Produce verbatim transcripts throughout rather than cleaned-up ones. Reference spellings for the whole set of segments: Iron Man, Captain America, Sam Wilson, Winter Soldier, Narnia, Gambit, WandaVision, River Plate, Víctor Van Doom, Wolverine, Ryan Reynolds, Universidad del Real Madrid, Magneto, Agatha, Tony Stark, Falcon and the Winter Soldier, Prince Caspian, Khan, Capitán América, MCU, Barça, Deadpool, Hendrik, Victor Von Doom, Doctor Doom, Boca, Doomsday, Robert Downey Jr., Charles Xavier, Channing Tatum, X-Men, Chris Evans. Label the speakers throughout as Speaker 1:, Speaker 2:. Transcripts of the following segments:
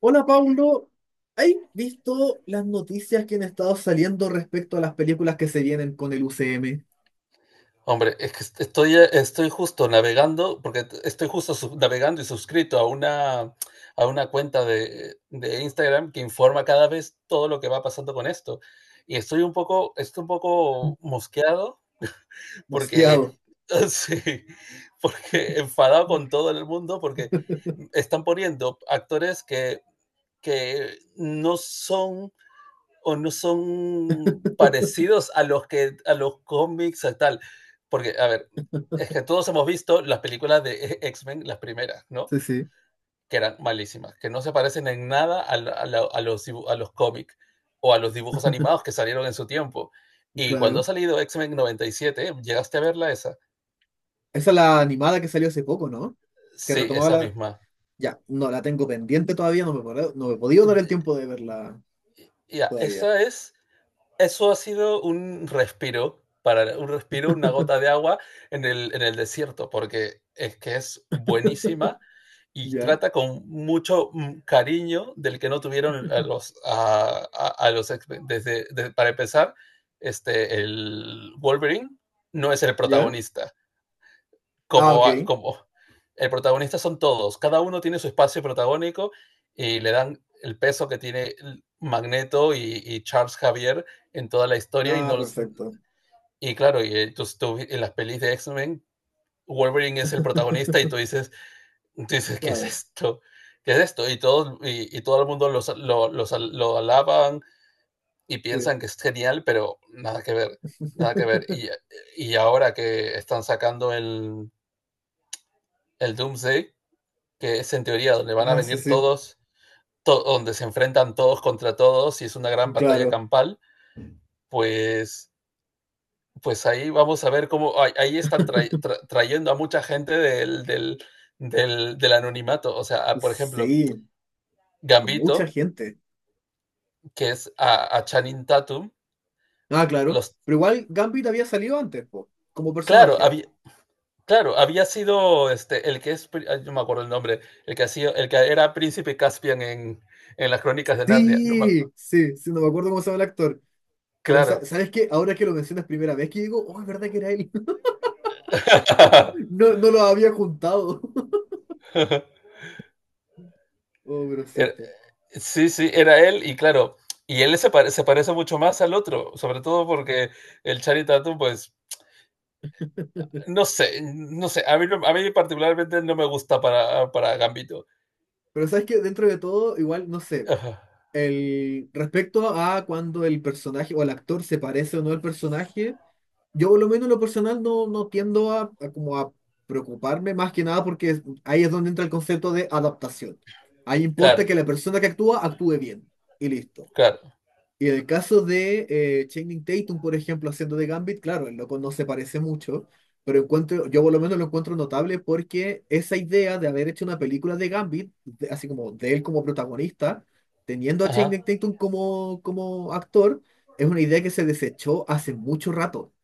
Speaker 1: Hola Paulo, ¿has visto las noticias que han estado saliendo respecto a las películas que se vienen con el U C M?
Speaker 2: Hombre, es que estoy, estoy justo navegando, porque estoy justo sub- navegando y suscrito a una, a una cuenta de, de Instagram que informa cada vez todo lo que va pasando con esto. Y estoy un poco, estoy un poco mosqueado porque,
Speaker 1: Mosqueado.
Speaker 2: sí, porque enfadado con todo el mundo, porque están poniendo actores que, que no son o no son parecidos a los que a los cómics a tal, porque a ver, es que todos hemos visto las películas de X-Men, las primeras, ¿no?
Speaker 1: Sí, sí,
Speaker 2: Que eran malísimas, que no se parecen en nada a, la, a, la, a los, a los cómics o a los dibujos animados que salieron en su tiempo. Y cuando ha
Speaker 1: claro.
Speaker 2: salido X-Men noventa y siete, ¿llegaste a verla esa?
Speaker 1: Esa es la animada que salió hace poco, ¿no? Que
Speaker 2: Sí,
Speaker 1: retomaba
Speaker 2: esa
Speaker 1: la...
Speaker 2: misma.
Speaker 1: Ya, no, la tengo pendiente todavía, no me, he podido- no me he podido
Speaker 2: Ya,
Speaker 1: dar el tiempo de verla
Speaker 2: yeah,
Speaker 1: todavía.
Speaker 2: esa es. Eso ha sido un respiro, para, un respiro, una gota de agua en el, en el desierto, porque es que es buenísima y
Speaker 1: ¿Ya?
Speaker 2: trata con mucho mm, cariño del que no tuvieron a los, a, a, a los desde, desde, para empezar, este, el Wolverine no es el
Speaker 1: ¿Ya?
Speaker 2: protagonista
Speaker 1: Ah,
Speaker 2: como,
Speaker 1: ok.
Speaker 2: como el protagonista. Son todos, cada uno tiene su espacio protagónico y le dan el peso que tiene Magneto y, y Charles Javier en toda la historia. Y
Speaker 1: Ah,
Speaker 2: no,
Speaker 1: perfecto.
Speaker 2: y claro, y eh, tú, tú, en las pelis de X-Men Wolverine es el protagonista y tú dices, tú dices ¿qué es
Speaker 1: Claro,
Speaker 2: esto? ¿Qué es esto? Y, todos, y, y todo el mundo los, los, los, lo alaban y
Speaker 1: sí.
Speaker 2: piensan que es genial, pero nada que ver, nada que ver. Y, y ahora que están sacando el, el Doomsday, que es en teoría donde van a
Speaker 1: Ah, sí,
Speaker 2: venir
Speaker 1: sí,
Speaker 2: todos, to donde se enfrentan todos contra todos y es una gran batalla
Speaker 1: claro.
Speaker 2: campal, pues, pues ahí vamos a ver cómo, ahí, están tra tra trayendo a mucha gente del, del, del, del anonimato. O sea, a, por ejemplo,
Speaker 1: Sí, mucha
Speaker 2: Gambito,
Speaker 1: gente.
Speaker 2: que es a, a Channing Tatum,
Speaker 1: Ah, claro.
Speaker 2: los,
Speaker 1: Pero igual Gambit había salido antes, po, como
Speaker 2: claro,
Speaker 1: personaje.
Speaker 2: había, claro, había sido este, el que es, no me acuerdo el nombre, el que, ha sido, el que era príncipe Caspian en, en las crónicas de Narnia. No, me,
Speaker 1: Sí, sí, sí, no me acuerdo cómo se llama el actor. Pero sa-
Speaker 2: claro.
Speaker 1: ¿sabes qué? Ahora que lo mencionas primera vez que digo, oh, es verdad que era él. No, no lo había juntado. Oh, pero es
Speaker 2: Era-
Speaker 1: cierto.
Speaker 2: sí, sí, era él y claro, y él se, pare- se parece mucho más al otro, sobre todo porque el Channing Tatum, pues, no sé, no sé, a mí, no- a mí particularmente no me gusta para, para Gambito.
Speaker 1: Pero ¿sabes qué? Dentro de todo, igual, no sé.
Speaker 2: Ajá.
Speaker 1: El, respecto a cuando el personaje o el actor se parece o no al personaje. Yo por lo menos en lo personal no, no tiendo a, a como a preocuparme más que nada porque es- ahí es donde entra el concepto de adaptación. Ahí importa
Speaker 2: Claro,
Speaker 1: que la persona que actúa actúe bien y listo.
Speaker 2: claro.
Speaker 1: Y en el caso de eh, Channing Tatum, por ejemplo, haciendo de Gambit, claro, el loco no se parece mucho, pero encuentro, yo por lo menos lo encuentro notable porque esa idea de haber hecho una película de Gambit, de- así como de él como protagonista, teniendo a
Speaker 2: Ajá.
Speaker 1: Channing Tatum como, como actor, es una idea que se desechó hace mucho rato.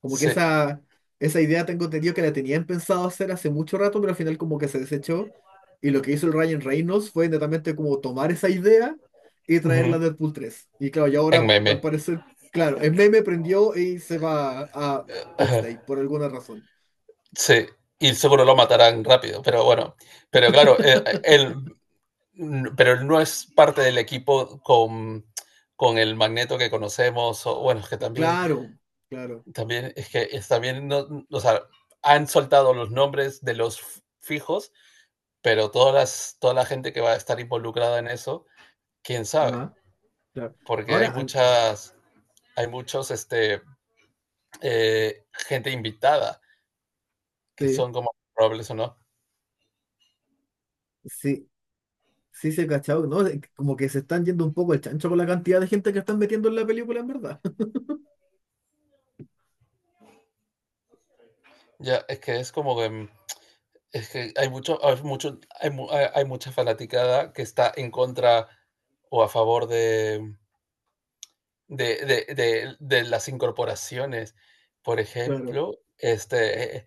Speaker 1: Como que
Speaker 2: Sí.
Speaker 1: esa, esa idea tengo entendido que la tenían pensado hacer hace mucho rato, pero al final como que se desechó. Y lo que hizo el Ryan Reynolds fue netamente como tomar esa idea y traerla a
Speaker 2: Ujú.
Speaker 1: Deadpool tres. Y claro, y
Speaker 2: En
Speaker 1: ahora
Speaker 2: meme.
Speaker 1: al parecer, claro, el meme prendió y se va a
Speaker 2: Ajá.
Speaker 1: Doomsday por alguna razón.
Speaker 2: Sí. Y seguro lo matarán rápido, pero bueno, pero claro, eh, eh, él, n- pero él no es parte del equipo con, con el Magneto que conocemos, o bueno, que también...
Speaker 1: Claro, claro.
Speaker 2: También es que es, también no, o sea, han soltado los nombres de los fijos, pero todas las, toda la gente que va a estar involucrada en eso, quién sabe,
Speaker 1: Ajá, claro.
Speaker 2: porque hay
Speaker 1: Ahora,
Speaker 2: muchas, hay muchos, este, eh, gente invitada que son como probables o no.
Speaker 1: sí. Sí, se ha cachado, ¿no? De- Como que se están yendo un poco el chancho con la cantidad de gente que están metiendo en la película, en verdad.
Speaker 2: Ya, es que es como que, es que hay mucho, hay mucho, hay, mu- hay hay mucha fanaticada que está en contra o a favor de, de, de, de, de las incorporaciones. Por
Speaker 1: Claro.
Speaker 2: ejemplo, este, eh,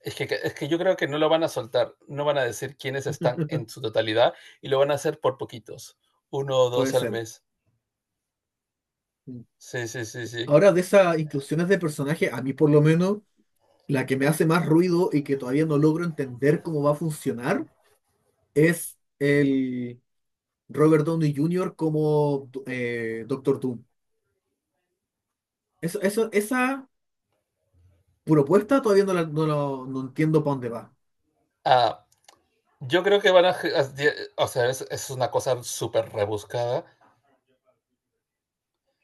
Speaker 2: es que, es que yo creo que no lo van a soltar, no van a decir quiénes están en su totalidad y lo van a hacer por poquitos, uno o
Speaker 1: Puede
Speaker 2: dos al
Speaker 1: ser.
Speaker 2: mes.
Speaker 1: Mm.
Speaker 2: Sí, sí, sí, sí.
Speaker 1: Ahora, de esas inclusiones de personajes, a mí por lo menos, la que me hace más ruido y que todavía no logro entender cómo va a funcionar, es el Robert Downey júnior como eh, Doctor Doom. Eso, eso, esa propuesta todavía no, la- no, lo- no entiendo para dónde va.
Speaker 2: Ah, yo creo que van a, o sea, es, es una cosa súper rebuscada,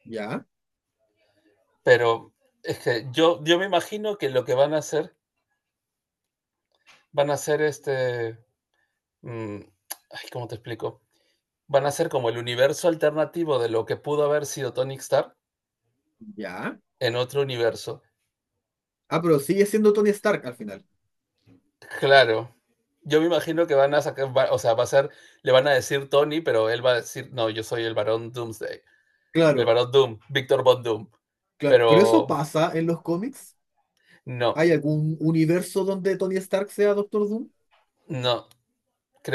Speaker 1: Ya,
Speaker 2: pero es que yo, yo me imagino que lo que van a hacer, van a hacer este, mm, ay, ¿cómo te explico? Van a ser como el universo alternativo de lo que pudo haber sido Tony Stark
Speaker 1: ya.
Speaker 2: en otro universo.
Speaker 1: Ah, pero sigue siendo Tony Stark al final.
Speaker 2: Claro. Yo me imagino que van a sacar, va- o sea, va a ser, le van a decir Tony, pero él va a decir, no, yo soy el Barón Doomsday, el
Speaker 1: Claro,
Speaker 2: Barón Doom, Víctor Von Doom.
Speaker 1: claro. Pero eso
Speaker 2: Pero
Speaker 1: pasa en los cómics.
Speaker 2: no,
Speaker 1: ¿Hay algún universo donde Tony Stark sea Doctor Doom?
Speaker 2: no,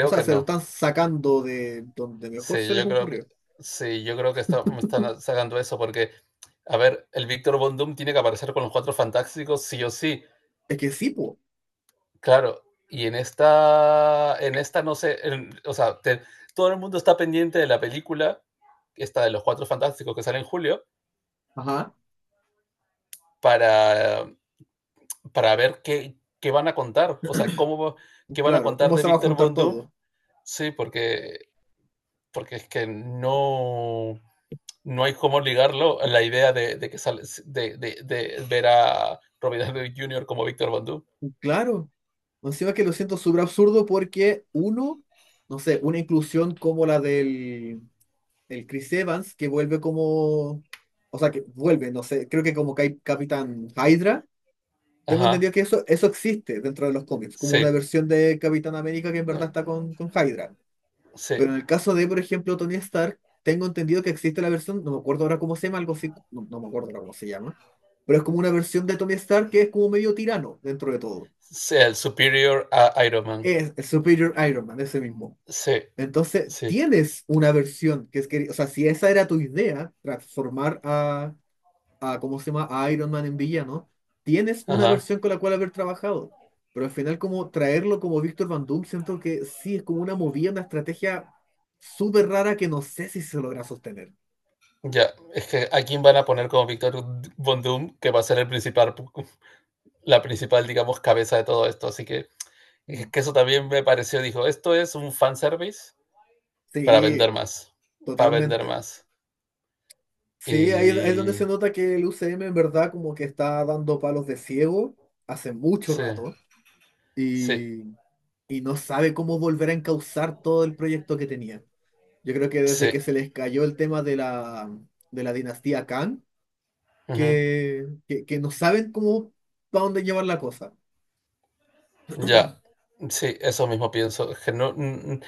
Speaker 1: O sea,
Speaker 2: que
Speaker 1: se lo
Speaker 2: no.
Speaker 1: están sacando de donde mejor se
Speaker 2: Sí,
Speaker 1: les
Speaker 2: yo creo que,
Speaker 1: ocurrió.
Speaker 2: sí, yo creo que está- me están sacando eso porque, a ver, el Víctor Von Doom tiene que aparecer con los cuatro fantásticos sí o sí.
Speaker 1: Es que sí, po.
Speaker 2: Claro, y en esta, en esta no sé, en- o sea, te- todo el mundo está pendiente de la película, esta de los Cuatro Fantásticos que sale en julio,
Speaker 1: Ajá.
Speaker 2: para, para ver qué, qué van a contar, o sea, cómo, va- qué van a
Speaker 1: Claro,
Speaker 2: contar
Speaker 1: ¿cómo
Speaker 2: de
Speaker 1: se va a
Speaker 2: Víctor
Speaker 1: juntar
Speaker 2: Von Doom.
Speaker 1: todo?
Speaker 2: Sí, porque, porque es que no, no hay cómo ligarlo a la idea de, de que sale, de, de- de ver a Robert Downey Junior como Víctor Von Doom.
Speaker 1: Claro. Encima que lo siento súper absurdo porque uno, no sé, una inclusión como la del el Chris Evans, que vuelve como, o sea, que vuelve, no sé, creo que como Cap- Capitán Hydra, tengo entendido
Speaker 2: Ajá,
Speaker 1: que eso, eso existe dentro de los cómics, como
Speaker 2: sí,
Speaker 1: una versión de Capitán América que en verdad
Speaker 2: eh,
Speaker 1: está con, con Hydra.
Speaker 2: sí,
Speaker 1: Pero en el caso de, por ejemplo, Tony Stark, tengo entendido que existe la versión, no me acuerdo ahora cómo se llama, algo así, no, no me acuerdo ahora cómo se llama, pero es como una versión de Tony Stark que es como medio tirano dentro de todo.
Speaker 2: sí, el superior a Iron Man.
Speaker 1: Es el Superior Iron Man, ese mismo.
Speaker 2: Sí,
Speaker 1: Entonces,
Speaker 2: sí.
Speaker 1: tienes una versión que es que, o sea, si esa era tu idea, transformar a, a ¿cómo se llama?, a Iron Man en villano, tienes una
Speaker 2: Ajá.
Speaker 1: versión con la cual haber trabajado. Pero al final, como traerlo como Víctor Van Doom, siento que sí, es como una movida, una estrategia súper rara que no sé si se logra sostener.
Speaker 2: Ya, es que a quién van a poner como Víctor Von Doom, que va a ser el principal, pu- la principal, digamos, cabeza de todo esto. Así que es
Speaker 1: Mm.
Speaker 2: que eso también me pareció, dijo, esto es un fanservice para vender
Speaker 1: Sí,
Speaker 2: más, para vender
Speaker 1: totalmente.
Speaker 2: más.
Speaker 1: Sí, ahí, ahí es donde se
Speaker 2: Y
Speaker 1: nota que el U C M en verdad como que está dando palos de ciego hace mucho
Speaker 2: sí,
Speaker 1: rato
Speaker 2: sí,
Speaker 1: y no sabe cómo volver a encauzar todo el proyecto que tenía. Yo creo que desde
Speaker 2: sí.
Speaker 1: que se les cayó el tema de la, de la dinastía Khan,
Speaker 2: Ujú.
Speaker 1: que, que, que no saben cómo, para dónde llevar la cosa.
Speaker 2: Ya, sí, eso mismo pienso. Es que no, n- n-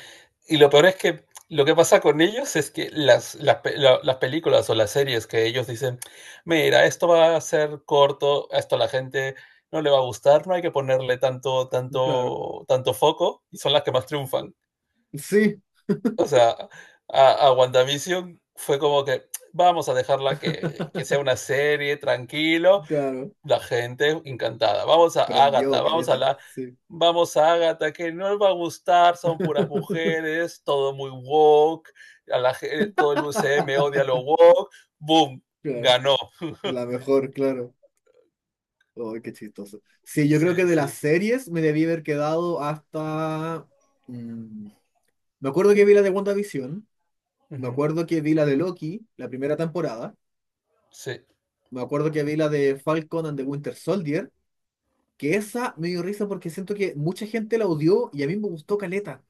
Speaker 2: y lo peor es que lo que pasa con ellos es que las, las, pe- la- las películas o las series que ellos dicen, mira, esto va a ser corto, a esto a la gente no le va a gustar, no hay que ponerle tanto,
Speaker 1: Claro.
Speaker 2: tanto, tanto foco, y son las que más triunfan.
Speaker 1: Sí,
Speaker 2: O sea, a, a WandaVision fue como que vamos a dejarla que, que sea una serie, tranquilo,
Speaker 1: claro.
Speaker 2: la gente encantada. Vamos a
Speaker 1: Prendió,
Speaker 2: Ágata, vamos a
Speaker 1: caleta.
Speaker 2: la,
Speaker 1: Sí.
Speaker 2: vamos a Ágata, que no les va a gustar, son puras mujeres, todo muy woke, a la, ge- todo el U C M odia lo woke, boom,
Speaker 1: Claro.
Speaker 2: ganó.
Speaker 1: La mejor, claro. Ay qué chistoso. Sí, yo creo que
Speaker 2: Sí,
Speaker 1: de las
Speaker 2: sí.
Speaker 1: series me debí haber quedado hasta... mm, me acuerdo que vi la de WandaVision. Me
Speaker 2: Ujú.
Speaker 1: acuerdo que vi la de Loki, la primera temporada.
Speaker 2: Sí.
Speaker 1: Me acuerdo que vi la de Falcon and the Winter Soldier, que esa me dio risa porque siento que mucha gente la odió y a mí me gustó caleta.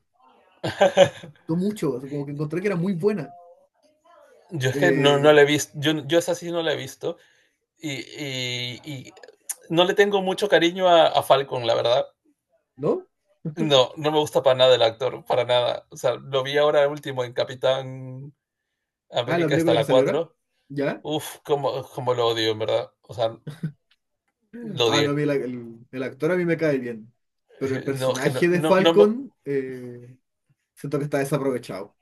Speaker 1: Me gustó mucho, o sea, como que encontré que era muy buena.
Speaker 2: Yo es que no, no
Speaker 1: Eh,
Speaker 2: la he visto, yo, yo esa sí no la he visto y, y- y no le tengo mucho cariño a, a Falcon, la verdad.
Speaker 1: ¿no?
Speaker 2: No, no me gusta para nada el actor, para nada. O sea, lo vi ahora último en Capitán
Speaker 1: Ah, la
Speaker 2: América está
Speaker 1: película que
Speaker 2: la
Speaker 1: salió ahora.
Speaker 2: cuatro.
Speaker 1: ¿Ya?
Speaker 2: Uf, como, como lo odio, en verdad. O sea, lo
Speaker 1: Ah,
Speaker 2: odié.
Speaker 1: no, a mí la- el, el actor a mí me cae bien. Pero
Speaker 2: Sí,
Speaker 1: el
Speaker 2: no, es que no,
Speaker 1: personaje de
Speaker 2: no, no me-
Speaker 1: Falcon, eh, siento que está desaprovechado.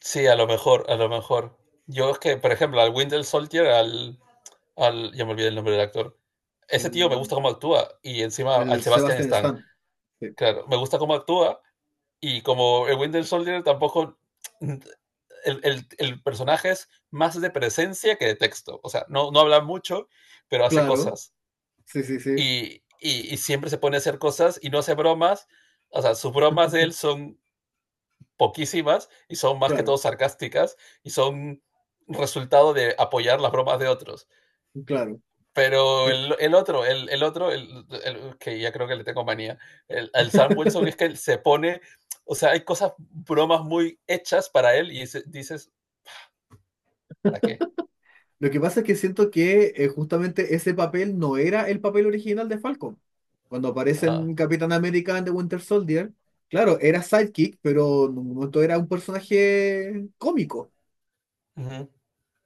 Speaker 2: Sí, a lo mejor, a lo mejor. Yo es que, por ejemplo, al Winter Soldier, al, al. Ya me olvidé el nombre del actor. Ese tío me
Speaker 1: El,
Speaker 2: gusta cómo actúa. Y encima al
Speaker 1: el
Speaker 2: Sebastian
Speaker 1: Sebastian
Speaker 2: Stan.
Speaker 1: Stan. Sí.
Speaker 2: Claro, me gusta cómo actúa. Y como el Winter Soldier tampoco. El, el- el personaje es más de presencia que de texto. O sea, no, no habla mucho, pero hace
Speaker 1: Claro,
Speaker 2: cosas.
Speaker 1: sí, sí, sí,
Speaker 2: y, y, y siempre se pone a hacer cosas y no hace bromas. O sea, sus bromas de él son poquísimas y son más que todo
Speaker 1: claro,
Speaker 2: sarcásticas y son resultado de apoyar las bromas de otros.
Speaker 1: claro.
Speaker 2: Pero el, el otro, el, el otro, el, el, que ya creo que le tengo manía, el, el Sam Wilson, es que él se pone, o sea, hay cosas, bromas muy hechas para él y se, dices, ¿para qué?
Speaker 1: Lo que pasa es que siento que eh, justamente ese papel no era el papel original de Falcon. Cuando aparece
Speaker 2: Ah,
Speaker 1: en Capitán América and the Winter Soldier, claro, era sidekick, pero en un momento era un personaje cómico.
Speaker 2: uh -huh,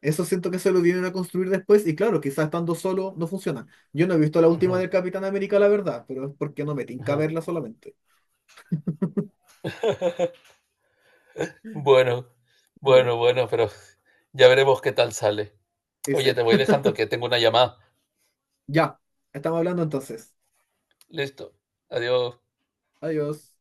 Speaker 1: Eso siento que se lo vinieron a construir después y claro, quizás estando solo no funciona. Yo no he visto la
Speaker 2: uh
Speaker 1: última
Speaker 2: -huh,
Speaker 1: del Capitán América, la verdad, pero es porque no me
Speaker 2: uh
Speaker 1: tinca
Speaker 2: -huh.
Speaker 1: verla solamente.
Speaker 2: Bueno,
Speaker 1: Bueno,
Speaker 2: bueno, bueno, pero ya veremos qué tal sale. Oye,
Speaker 1: ese.
Speaker 2: te voy dejando que tengo una llamada.
Speaker 1: Ya, estamos hablando entonces.
Speaker 2: Listo. Adiós.
Speaker 1: Adiós.